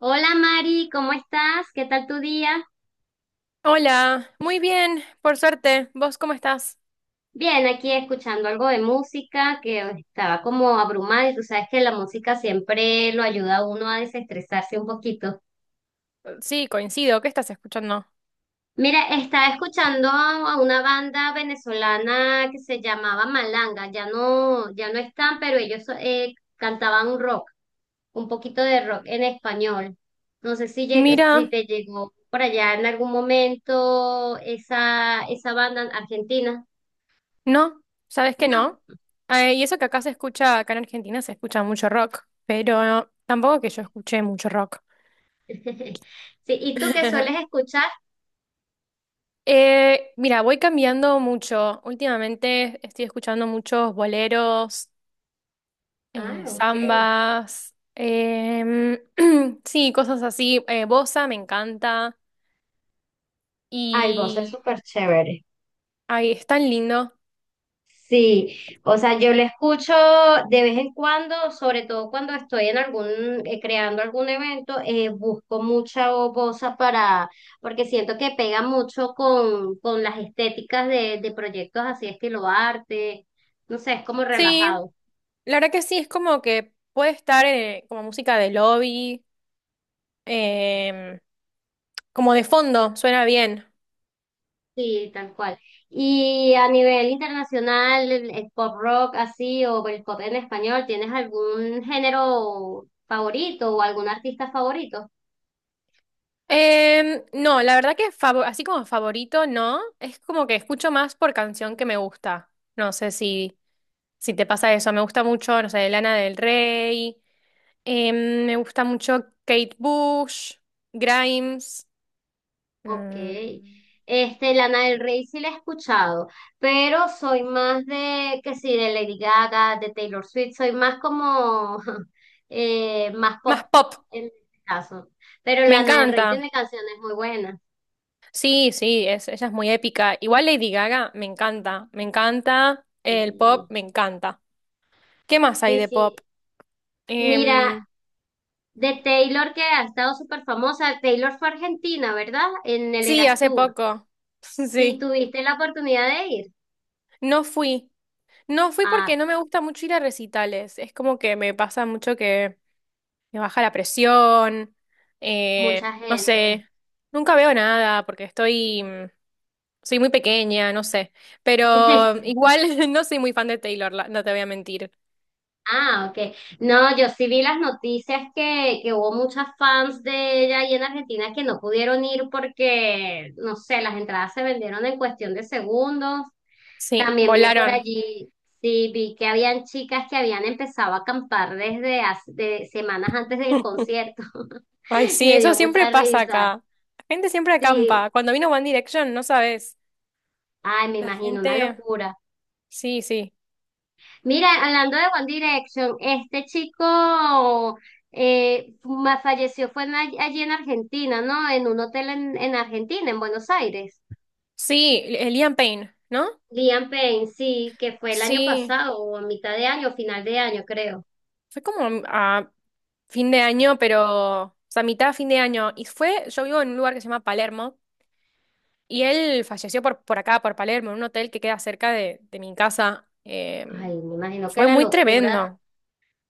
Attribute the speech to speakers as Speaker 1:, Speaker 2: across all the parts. Speaker 1: Hola Mari, ¿cómo estás? ¿Qué tal tu día?
Speaker 2: Hola, muy bien, por suerte. ¿Vos cómo estás?
Speaker 1: Bien, aquí escuchando algo de música que estaba como abrumada y tú sabes que la música siempre lo ayuda a uno a desestresarse un poquito.
Speaker 2: Sí, coincido. ¿Qué estás escuchando?
Speaker 1: Mira, estaba escuchando a una banda venezolana que se llamaba Malanga, ya no están, pero ellos cantaban un rock, un poquito de rock en español. No sé si
Speaker 2: Mira,
Speaker 1: te llegó por allá en algún momento esa banda argentina.
Speaker 2: no, ¿sabes que
Speaker 1: No.
Speaker 2: no? Y eso que acá se escucha, acá en Argentina se escucha mucho rock, pero tampoco que yo escuché mucho rock.
Speaker 1: Sí, ¿y tú qué sueles escuchar?
Speaker 2: Mira, voy cambiando mucho. Últimamente estoy escuchando muchos boleros,
Speaker 1: Ah, ok.
Speaker 2: zambas, sí, cosas así. Bossa me encanta
Speaker 1: Ay, vos es
Speaker 2: y
Speaker 1: súper chévere.
Speaker 2: ay, es tan lindo.
Speaker 1: Sí, o sea, yo lo escucho de vez en cuando, sobre todo cuando estoy en algún, creando algún evento, busco mucha bosa porque siento que pega mucho con las estéticas de proyectos así estilo arte, no sé, es como
Speaker 2: Sí,
Speaker 1: relajado.
Speaker 2: la verdad que sí, es como que puede estar como música de lobby, em, como de fondo, suena bien.
Speaker 1: Sí, tal cual. Y a nivel internacional, el pop rock así o el pop en español, ¿tienes algún género favorito o algún artista favorito?
Speaker 2: No, la verdad que así como favorito, no, es como que escucho más por canción que me gusta. No sé si te pasa eso, me gusta mucho, no sé, Lana del Rey, me gusta mucho Kate Bush, Grimes,
Speaker 1: Ok.
Speaker 2: mm,
Speaker 1: Este, Lana del Rey sí la he escuchado, pero soy más de, que sí, de Lady Gaga, de Taylor Swift, soy más como, más
Speaker 2: más
Speaker 1: pop
Speaker 2: pop,
Speaker 1: en este caso. Pero
Speaker 2: me
Speaker 1: Lana del Rey
Speaker 2: encanta.
Speaker 1: tiene canciones muy buenas.
Speaker 2: Sí, sí, ella es muy épica. Igual Lady Gaga me encanta, me encanta. El pop
Speaker 1: Sí,
Speaker 2: me encanta. ¿Qué más hay
Speaker 1: sí,
Speaker 2: de pop?
Speaker 1: sí. Mira,
Speaker 2: Em,
Speaker 1: de Taylor, que ha estado súper famosa. Taylor fue a Argentina, ¿verdad? En el
Speaker 2: sí,
Speaker 1: Eras
Speaker 2: hace
Speaker 1: Tour.
Speaker 2: poco.
Speaker 1: Sí,
Speaker 2: Sí,
Speaker 1: tuviste la oportunidad de ir.
Speaker 2: no fui. No fui
Speaker 1: Ah,
Speaker 2: porque no me gusta mucho ir a recitales. Es como que me pasa mucho que me baja la presión.
Speaker 1: mucha
Speaker 2: No
Speaker 1: gente.
Speaker 2: sé, nunca veo nada porque soy muy pequeña, no sé. Pero
Speaker 1: Sí.
Speaker 2: igual no soy muy fan de Taylor, no te voy a mentir.
Speaker 1: Ah, ok. No, yo sí vi las noticias que hubo muchas fans de ella ahí en Argentina que no pudieron ir porque, no sé, las entradas se vendieron en cuestión de segundos.
Speaker 2: Sí,
Speaker 1: También vi por
Speaker 2: volaron.
Speaker 1: allí, sí, vi que habían chicas que habían empezado a acampar de semanas antes del concierto.
Speaker 2: Ay,
Speaker 1: Y
Speaker 2: sí,
Speaker 1: me dio
Speaker 2: eso siempre
Speaker 1: mucha
Speaker 2: pasa
Speaker 1: risa.
Speaker 2: acá. La gente siempre
Speaker 1: Sí,
Speaker 2: acampa. Cuando vino One Direction, no sabes.
Speaker 1: ay, me
Speaker 2: La
Speaker 1: imagino, una
Speaker 2: gente.
Speaker 1: locura.
Speaker 2: Sí, sí.
Speaker 1: Mira, hablando de One Direction, este chico falleció, fue allí en Argentina, ¿no? En un hotel en Argentina, en Buenos Aires.
Speaker 2: Sí, el Liam Payne, ¿no?
Speaker 1: Liam Payne, sí, que fue el año
Speaker 2: Sí.
Speaker 1: pasado, o a mitad de año, final de año, creo.
Speaker 2: Fue como a fin de año, pero. O sea, mitad de fin de año. Y fue. Yo vivo en un lugar que se llama Palermo. Y él falleció por acá, por Palermo, en un hotel que queda cerca de mi casa.
Speaker 1: Ay, me imagino que
Speaker 2: Fue
Speaker 1: la
Speaker 2: muy
Speaker 1: locura.
Speaker 2: tremendo.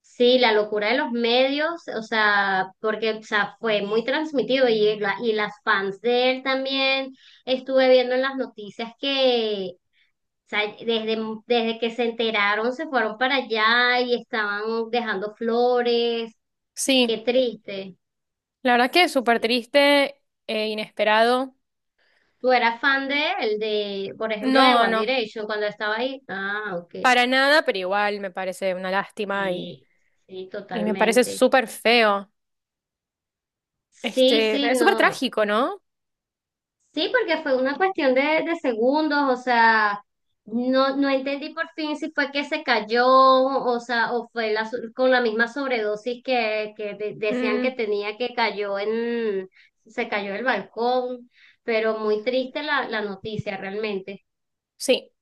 Speaker 1: Sí, la locura de los medios, o sea, porque o sea, fue muy transmitido y, y las fans de él también estuve viendo en las noticias que, o sea, desde, que se enteraron se fueron para allá y estaban dejando flores,
Speaker 2: Sí,
Speaker 1: qué triste.
Speaker 2: la verdad que súper
Speaker 1: Sí.
Speaker 2: triste e inesperado.
Speaker 1: ¿Tú eras fan de él, de, por ejemplo, de
Speaker 2: No,
Speaker 1: One
Speaker 2: no.
Speaker 1: Direction cuando estaba ahí? Ah, ok.
Speaker 2: Para nada, pero igual me parece una lástima y,
Speaker 1: Sí, sí,
Speaker 2: y me parece
Speaker 1: totalmente.
Speaker 2: súper feo.
Speaker 1: Sí,
Speaker 2: Este,
Speaker 1: sí,
Speaker 2: es súper
Speaker 1: no.
Speaker 2: trágico, ¿no?
Speaker 1: Sí, porque fue una cuestión de segundos, o sea, no, no entendí por fin si fue que se cayó, o sea, o fue con la misma sobredosis que decían que
Speaker 2: Mm,
Speaker 1: tenía que cayó en, se cayó del balcón, pero muy triste la noticia realmente.
Speaker 2: sí,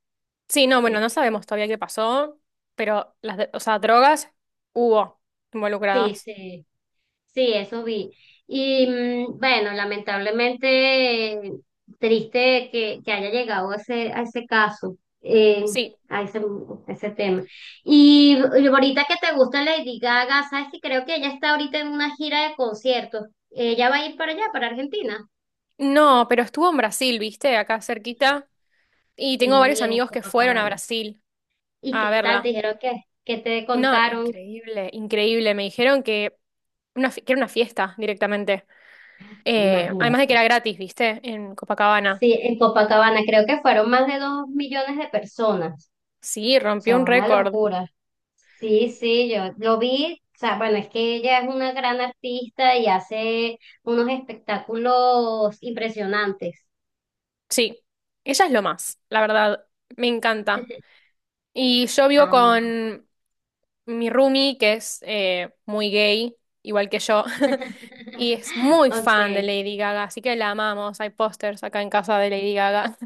Speaker 2: sí, no,
Speaker 1: Sí,
Speaker 2: bueno, no sabemos todavía qué pasó, pero las, o sea, drogas hubo
Speaker 1: sí,
Speaker 2: involucradas.
Speaker 1: sí. Sí, eso vi. Y bueno, lamentablemente triste que haya llegado a ese caso,
Speaker 2: Sí,
Speaker 1: a ese tema. Y ahorita que te gusta Lady Gaga, sabes que creo que ella está ahorita en una gira de conciertos. Ella va a ir para allá, para Argentina.
Speaker 2: no, pero estuvo en Brasil, ¿viste? Acá cerquita. Y tengo
Speaker 1: Sí,
Speaker 2: varios
Speaker 1: en
Speaker 2: amigos que fueron a
Speaker 1: Copacabana.
Speaker 2: Brasil
Speaker 1: ¿Y qué
Speaker 2: a
Speaker 1: tal?
Speaker 2: verla.
Speaker 1: Dijeron que te
Speaker 2: No,
Speaker 1: contaron.
Speaker 2: increíble, increíble. Me dijeron que, una, que era una fiesta directamente. Además de que
Speaker 1: Imagínate.
Speaker 2: era gratis, ¿viste? En Copacabana.
Speaker 1: Sí, en Copacabana creo que fueron más de 2 millones de personas.
Speaker 2: Sí,
Speaker 1: O
Speaker 2: rompió
Speaker 1: sea,
Speaker 2: un
Speaker 1: una
Speaker 2: récord.
Speaker 1: locura. Sí, sí, yo lo vi, o sea, bueno, es que ella es una gran artista y hace unos espectáculos impresionantes.
Speaker 2: Sí, ella es lo más, la verdad. Me encanta. Y yo vivo
Speaker 1: Ah,
Speaker 2: con mi roomie, que es muy gay, igual que yo, y es muy fan de
Speaker 1: ok.
Speaker 2: Lady Gaga, así que la amamos. Hay pósters acá en casa de Lady Gaga.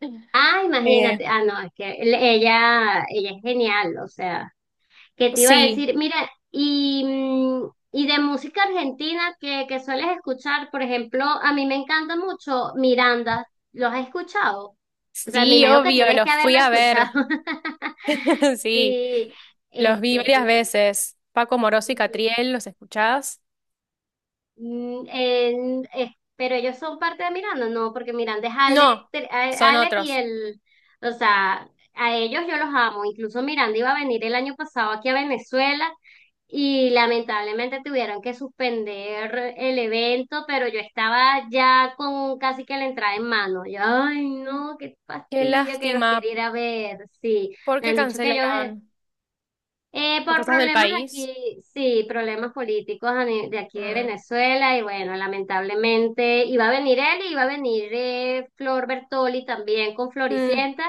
Speaker 1: Ah, imagínate,
Speaker 2: Eh,
Speaker 1: ah, no, es que ella, ella es genial, o sea, ¿qué te iba a
Speaker 2: sí.
Speaker 1: decir? Mira, y, y de música argentina que sueles escuchar, por ejemplo, a mí me encanta mucho Miranda, ¿los has escuchado? O sea, me
Speaker 2: Sí,
Speaker 1: imagino que
Speaker 2: obvio,
Speaker 1: tienes que
Speaker 2: los fui
Speaker 1: haberlo
Speaker 2: a ver.
Speaker 1: escuchado.
Speaker 2: Sí,
Speaker 1: Sí,
Speaker 2: los vi
Speaker 1: este,
Speaker 2: varias
Speaker 1: mi,
Speaker 2: veces. Paco Moroso y
Speaker 1: mi-
Speaker 2: Catriel, ¿los escuchás?
Speaker 1: pero ellos son parte de Miranda, no, porque Miranda es Alec,
Speaker 2: No, son
Speaker 1: Alec y
Speaker 2: otros.
Speaker 1: el, o sea, a ellos yo los amo. Incluso Miranda iba a venir el año pasado aquí a Venezuela y lamentablemente tuvieron que suspender el evento, pero yo estaba ya con casi que la entrada en mano. Yo, ay, no, qué
Speaker 2: Qué
Speaker 1: fastidio que los quería
Speaker 2: lástima.
Speaker 1: ir a ver. Sí,
Speaker 2: ¿Por
Speaker 1: me
Speaker 2: qué
Speaker 1: han dicho que ellos
Speaker 2: cancelaron?
Speaker 1: eh,
Speaker 2: ¿Por
Speaker 1: por
Speaker 2: cosas del
Speaker 1: problemas
Speaker 2: país?
Speaker 1: aquí, sí, problemas políticos a ni- de aquí de
Speaker 2: Mm.
Speaker 1: Venezuela y bueno, lamentablemente iba a venir él y iba a venir Flor Bertoli también con
Speaker 2: Mm,
Speaker 1: Floricienta,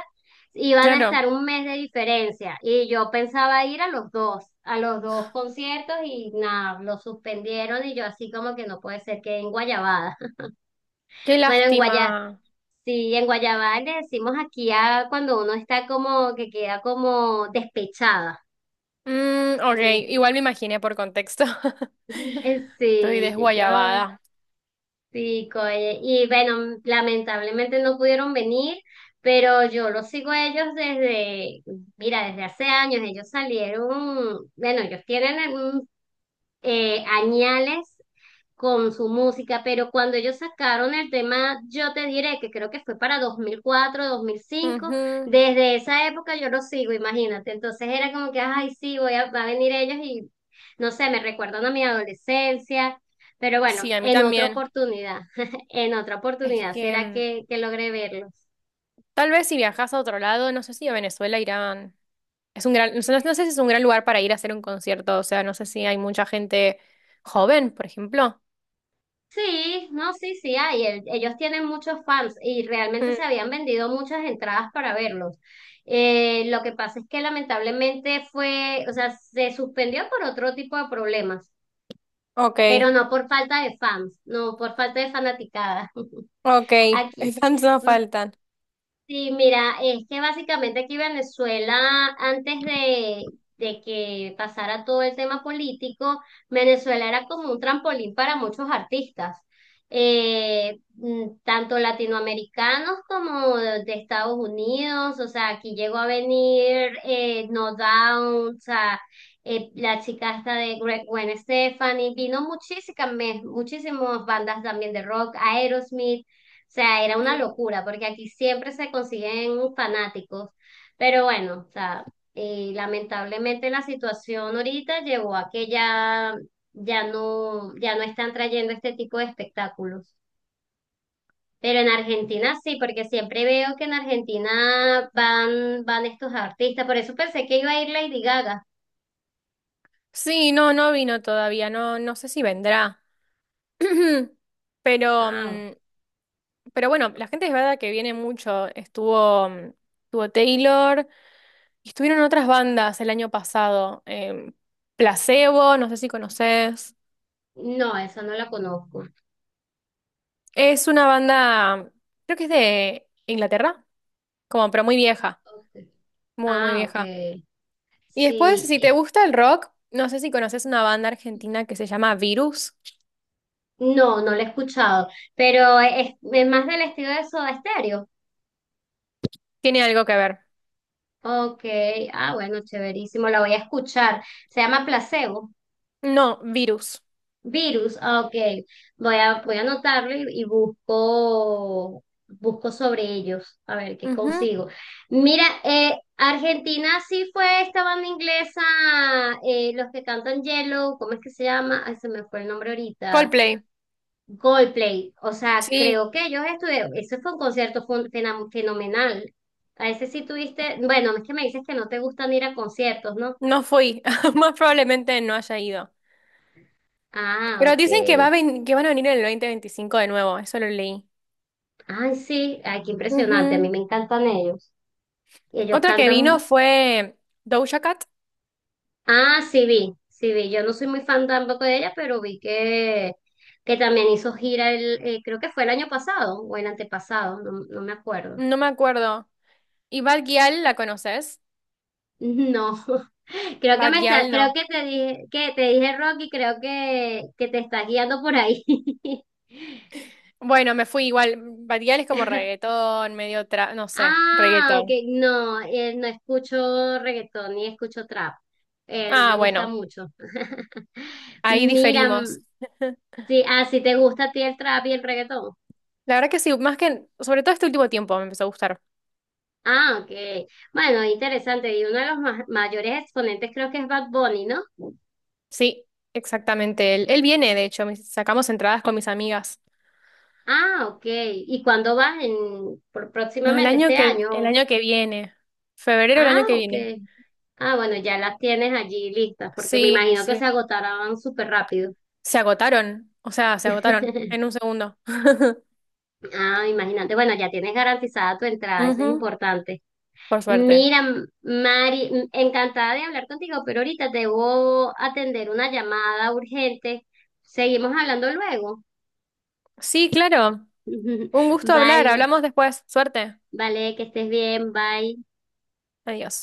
Speaker 1: iban a estar
Speaker 2: claro,
Speaker 1: un mes de diferencia y yo pensaba ir a los dos conciertos y nada, lo suspendieron y yo así como que no puede ser que en Guayabada,
Speaker 2: qué
Speaker 1: bueno, en Guaya.
Speaker 2: lástima.
Speaker 1: Sí, en Guayabal le decimos aquí a cuando uno está como que queda como despechada.
Speaker 2: Mm, ok, igual me imaginé por contexto. Estoy
Speaker 1: Sí, yo
Speaker 2: desguayabada.
Speaker 1: sí, oye. Y bueno, lamentablemente no pudieron venir, pero yo los sigo a ellos desde, mira, desde hace años. Ellos salieron, bueno, ellos tienen añales con su música, pero cuando ellos sacaron el tema, yo te diré que creo que fue para 2004, 2005.
Speaker 2: Ujú.
Speaker 1: Desde esa época yo los sigo, imagínate. Entonces era como que, ay, sí, va a venir ellos y no sé, me recuerdan a mi adolescencia, pero
Speaker 2: Sí,
Speaker 1: bueno,
Speaker 2: a mí
Speaker 1: en otra
Speaker 2: también.
Speaker 1: oportunidad, en otra
Speaker 2: Es
Speaker 1: oportunidad
Speaker 2: que
Speaker 1: será que logré verlos.
Speaker 2: tal vez si viajas a otro lado, no sé si a Venezuela, Irán. Es un gran, no sé si es un gran lugar para ir a hacer un concierto, o sea, no sé si hay mucha gente joven, por ejemplo.
Speaker 1: Sí, no, sí, sí hay. Ellos tienen muchos fans y realmente
Speaker 2: Mm,
Speaker 1: se habían vendido muchas entradas para verlos. Lo que pasa es que lamentablemente fue, o sea, se suspendió por otro tipo de problemas,
Speaker 2: ok,
Speaker 1: pero no por falta de fans, no por falta de fanaticada.
Speaker 2: ok,
Speaker 1: Aquí.
Speaker 2: fans no
Speaker 1: mm,
Speaker 2: faltan.
Speaker 1: Sí, mira, es que básicamente aquí Venezuela, antes de que pasara todo el tema político, Venezuela era como un trampolín para muchos artistas, tanto latinoamericanos como de Estados Unidos, o sea, aquí llegó a venir No Doubt, o sea, la chica esta de Gwen Stefani, vino muchísimas, muchísimas bandas también de rock, Aerosmith. O sea, era una
Speaker 2: Mm.
Speaker 1: locura, porque aquí siempre se consiguen fanáticos. Pero bueno, o sea, lamentablemente la situación ahorita llevó a que ya no, ya no están trayendo este tipo de espectáculos. Pero en Argentina sí, porque siempre veo que en Argentina van estos artistas. Por eso pensé que iba a ir Lady Gaga.
Speaker 2: Sí, no, no vino todavía, no, no sé si vendrá. Pero
Speaker 1: Ah, ok.
Speaker 2: mm, Pero bueno, la gente es verdad que viene mucho. Estuvo Taylor y estuvieron otras bandas el año pasado. Placebo, no sé si conoces.
Speaker 1: No, esa no la conozco.
Speaker 2: Es una banda, creo que es de Inglaterra, como, pero muy vieja,
Speaker 1: Ok.
Speaker 2: muy, muy
Speaker 1: Ah, ok.
Speaker 2: vieja. Y después,
Speaker 1: Sí,
Speaker 2: si te gusta el rock, no sé si conoces una banda argentina que se llama Virus.
Speaker 1: no, no lo he escuchado, pero es más del estilo de Soda Stereo.
Speaker 2: Tiene algo que ver.
Speaker 1: Ok, ah, bueno, chéverísimo, la voy a escuchar. Se llama Placebo.
Speaker 2: No, Virus.
Speaker 1: Virus, ah, ok. Voy a anotarlo y busco sobre ellos, a ver qué
Speaker 2: Ujú.
Speaker 1: consigo. Mira, Argentina sí fue esta banda inglesa, los que cantan Yellow, ¿cómo es que se llama? Ay, se me fue el nombre ahorita.
Speaker 2: Coldplay.
Speaker 1: Coldplay, o sea,
Speaker 2: Sí,
Speaker 1: creo que ellos estuvieron, ese fue un concierto fenomenal. A ese sí tuviste, bueno, es que me dices que no te gustan ir a conciertos, ¿no?
Speaker 2: no fui. Más probablemente no haya ido.
Speaker 1: Ah,
Speaker 2: Pero
Speaker 1: ok.
Speaker 2: dicen que, que van a venir en el 2025 de nuevo, eso lo leí.
Speaker 1: Ay, sí, ay, qué impresionante, a mí
Speaker 2: Ujú.
Speaker 1: me encantan ellos. Y ellos
Speaker 2: Otra que vino
Speaker 1: cantan,
Speaker 2: fue Doja Cat,
Speaker 1: ah, sí vi, yo no soy muy fan tampoco de ella, pero vi que también hizo gira el, creo que fue el año pasado o el antepasado, no, no me acuerdo.
Speaker 2: no me acuerdo. ¿Y Bad Gyal la conoces?
Speaker 1: No, creo que
Speaker 2: Bad
Speaker 1: me está,
Speaker 2: Gyal no.
Speaker 1: creo que te dije Rocky, creo que te estás guiando por ahí.
Speaker 2: Bueno, me fui igual. Bad Gyal es como reggaetón, medio no sé,
Speaker 1: Ah, ok,
Speaker 2: reggaetón.
Speaker 1: no, no escucho reggaetón ni escucho trap. No
Speaker 2: Ah,
Speaker 1: me gusta
Speaker 2: bueno,
Speaker 1: mucho.
Speaker 2: ahí
Speaker 1: Mira,
Speaker 2: diferimos.
Speaker 1: sí, ah, si te gusta a ti el trap y el reggaetón.
Speaker 2: La verdad que sí, más que, sobre todo este último tiempo me empezó a gustar.
Speaker 1: Ah, ok. Bueno, interesante. Y uno de los mayores exponentes creo que es Bad Bunny, ¿no?
Speaker 2: Sí, exactamente. Él viene, de hecho, sacamos entradas con mis amigas.
Speaker 1: Ah, ok. ¿Y cuándo vas en,
Speaker 2: No,
Speaker 1: próximamente este
Speaker 2: el
Speaker 1: año?
Speaker 2: año que viene. Febrero del
Speaker 1: Ah,
Speaker 2: año que
Speaker 1: ok.
Speaker 2: viene.
Speaker 1: Ah, bueno, ya las tienes allí listas, porque me
Speaker 2: Sí,
Speaker 1: imagino que se
Speaker 2: sí.
Speaker 1: agotarán súper rápido.
Speaker 2: Se agotaron, o sea, se agotaron en un segundo.
Speaker 1: Ah, imagínate. Bueno, ya tienes garantizada tu entrada, eso es
Speaker 2: Ujú,
Speaker 1: importante.
Speaker 2: por suerte.
Speaker 1: Mira, Mari, encantada de hablar contigo, pero ahorita debo atender una llamada urgente. Seguimos hablando luego.
Speaker 2: Sí, claro. Un gusto hablar.
Speaker 1: Vale,
Speaker 2: Hablamos después. Suerte.
Speaker 1: vale, que estés bien, bye.
Speaker 2: Adiós.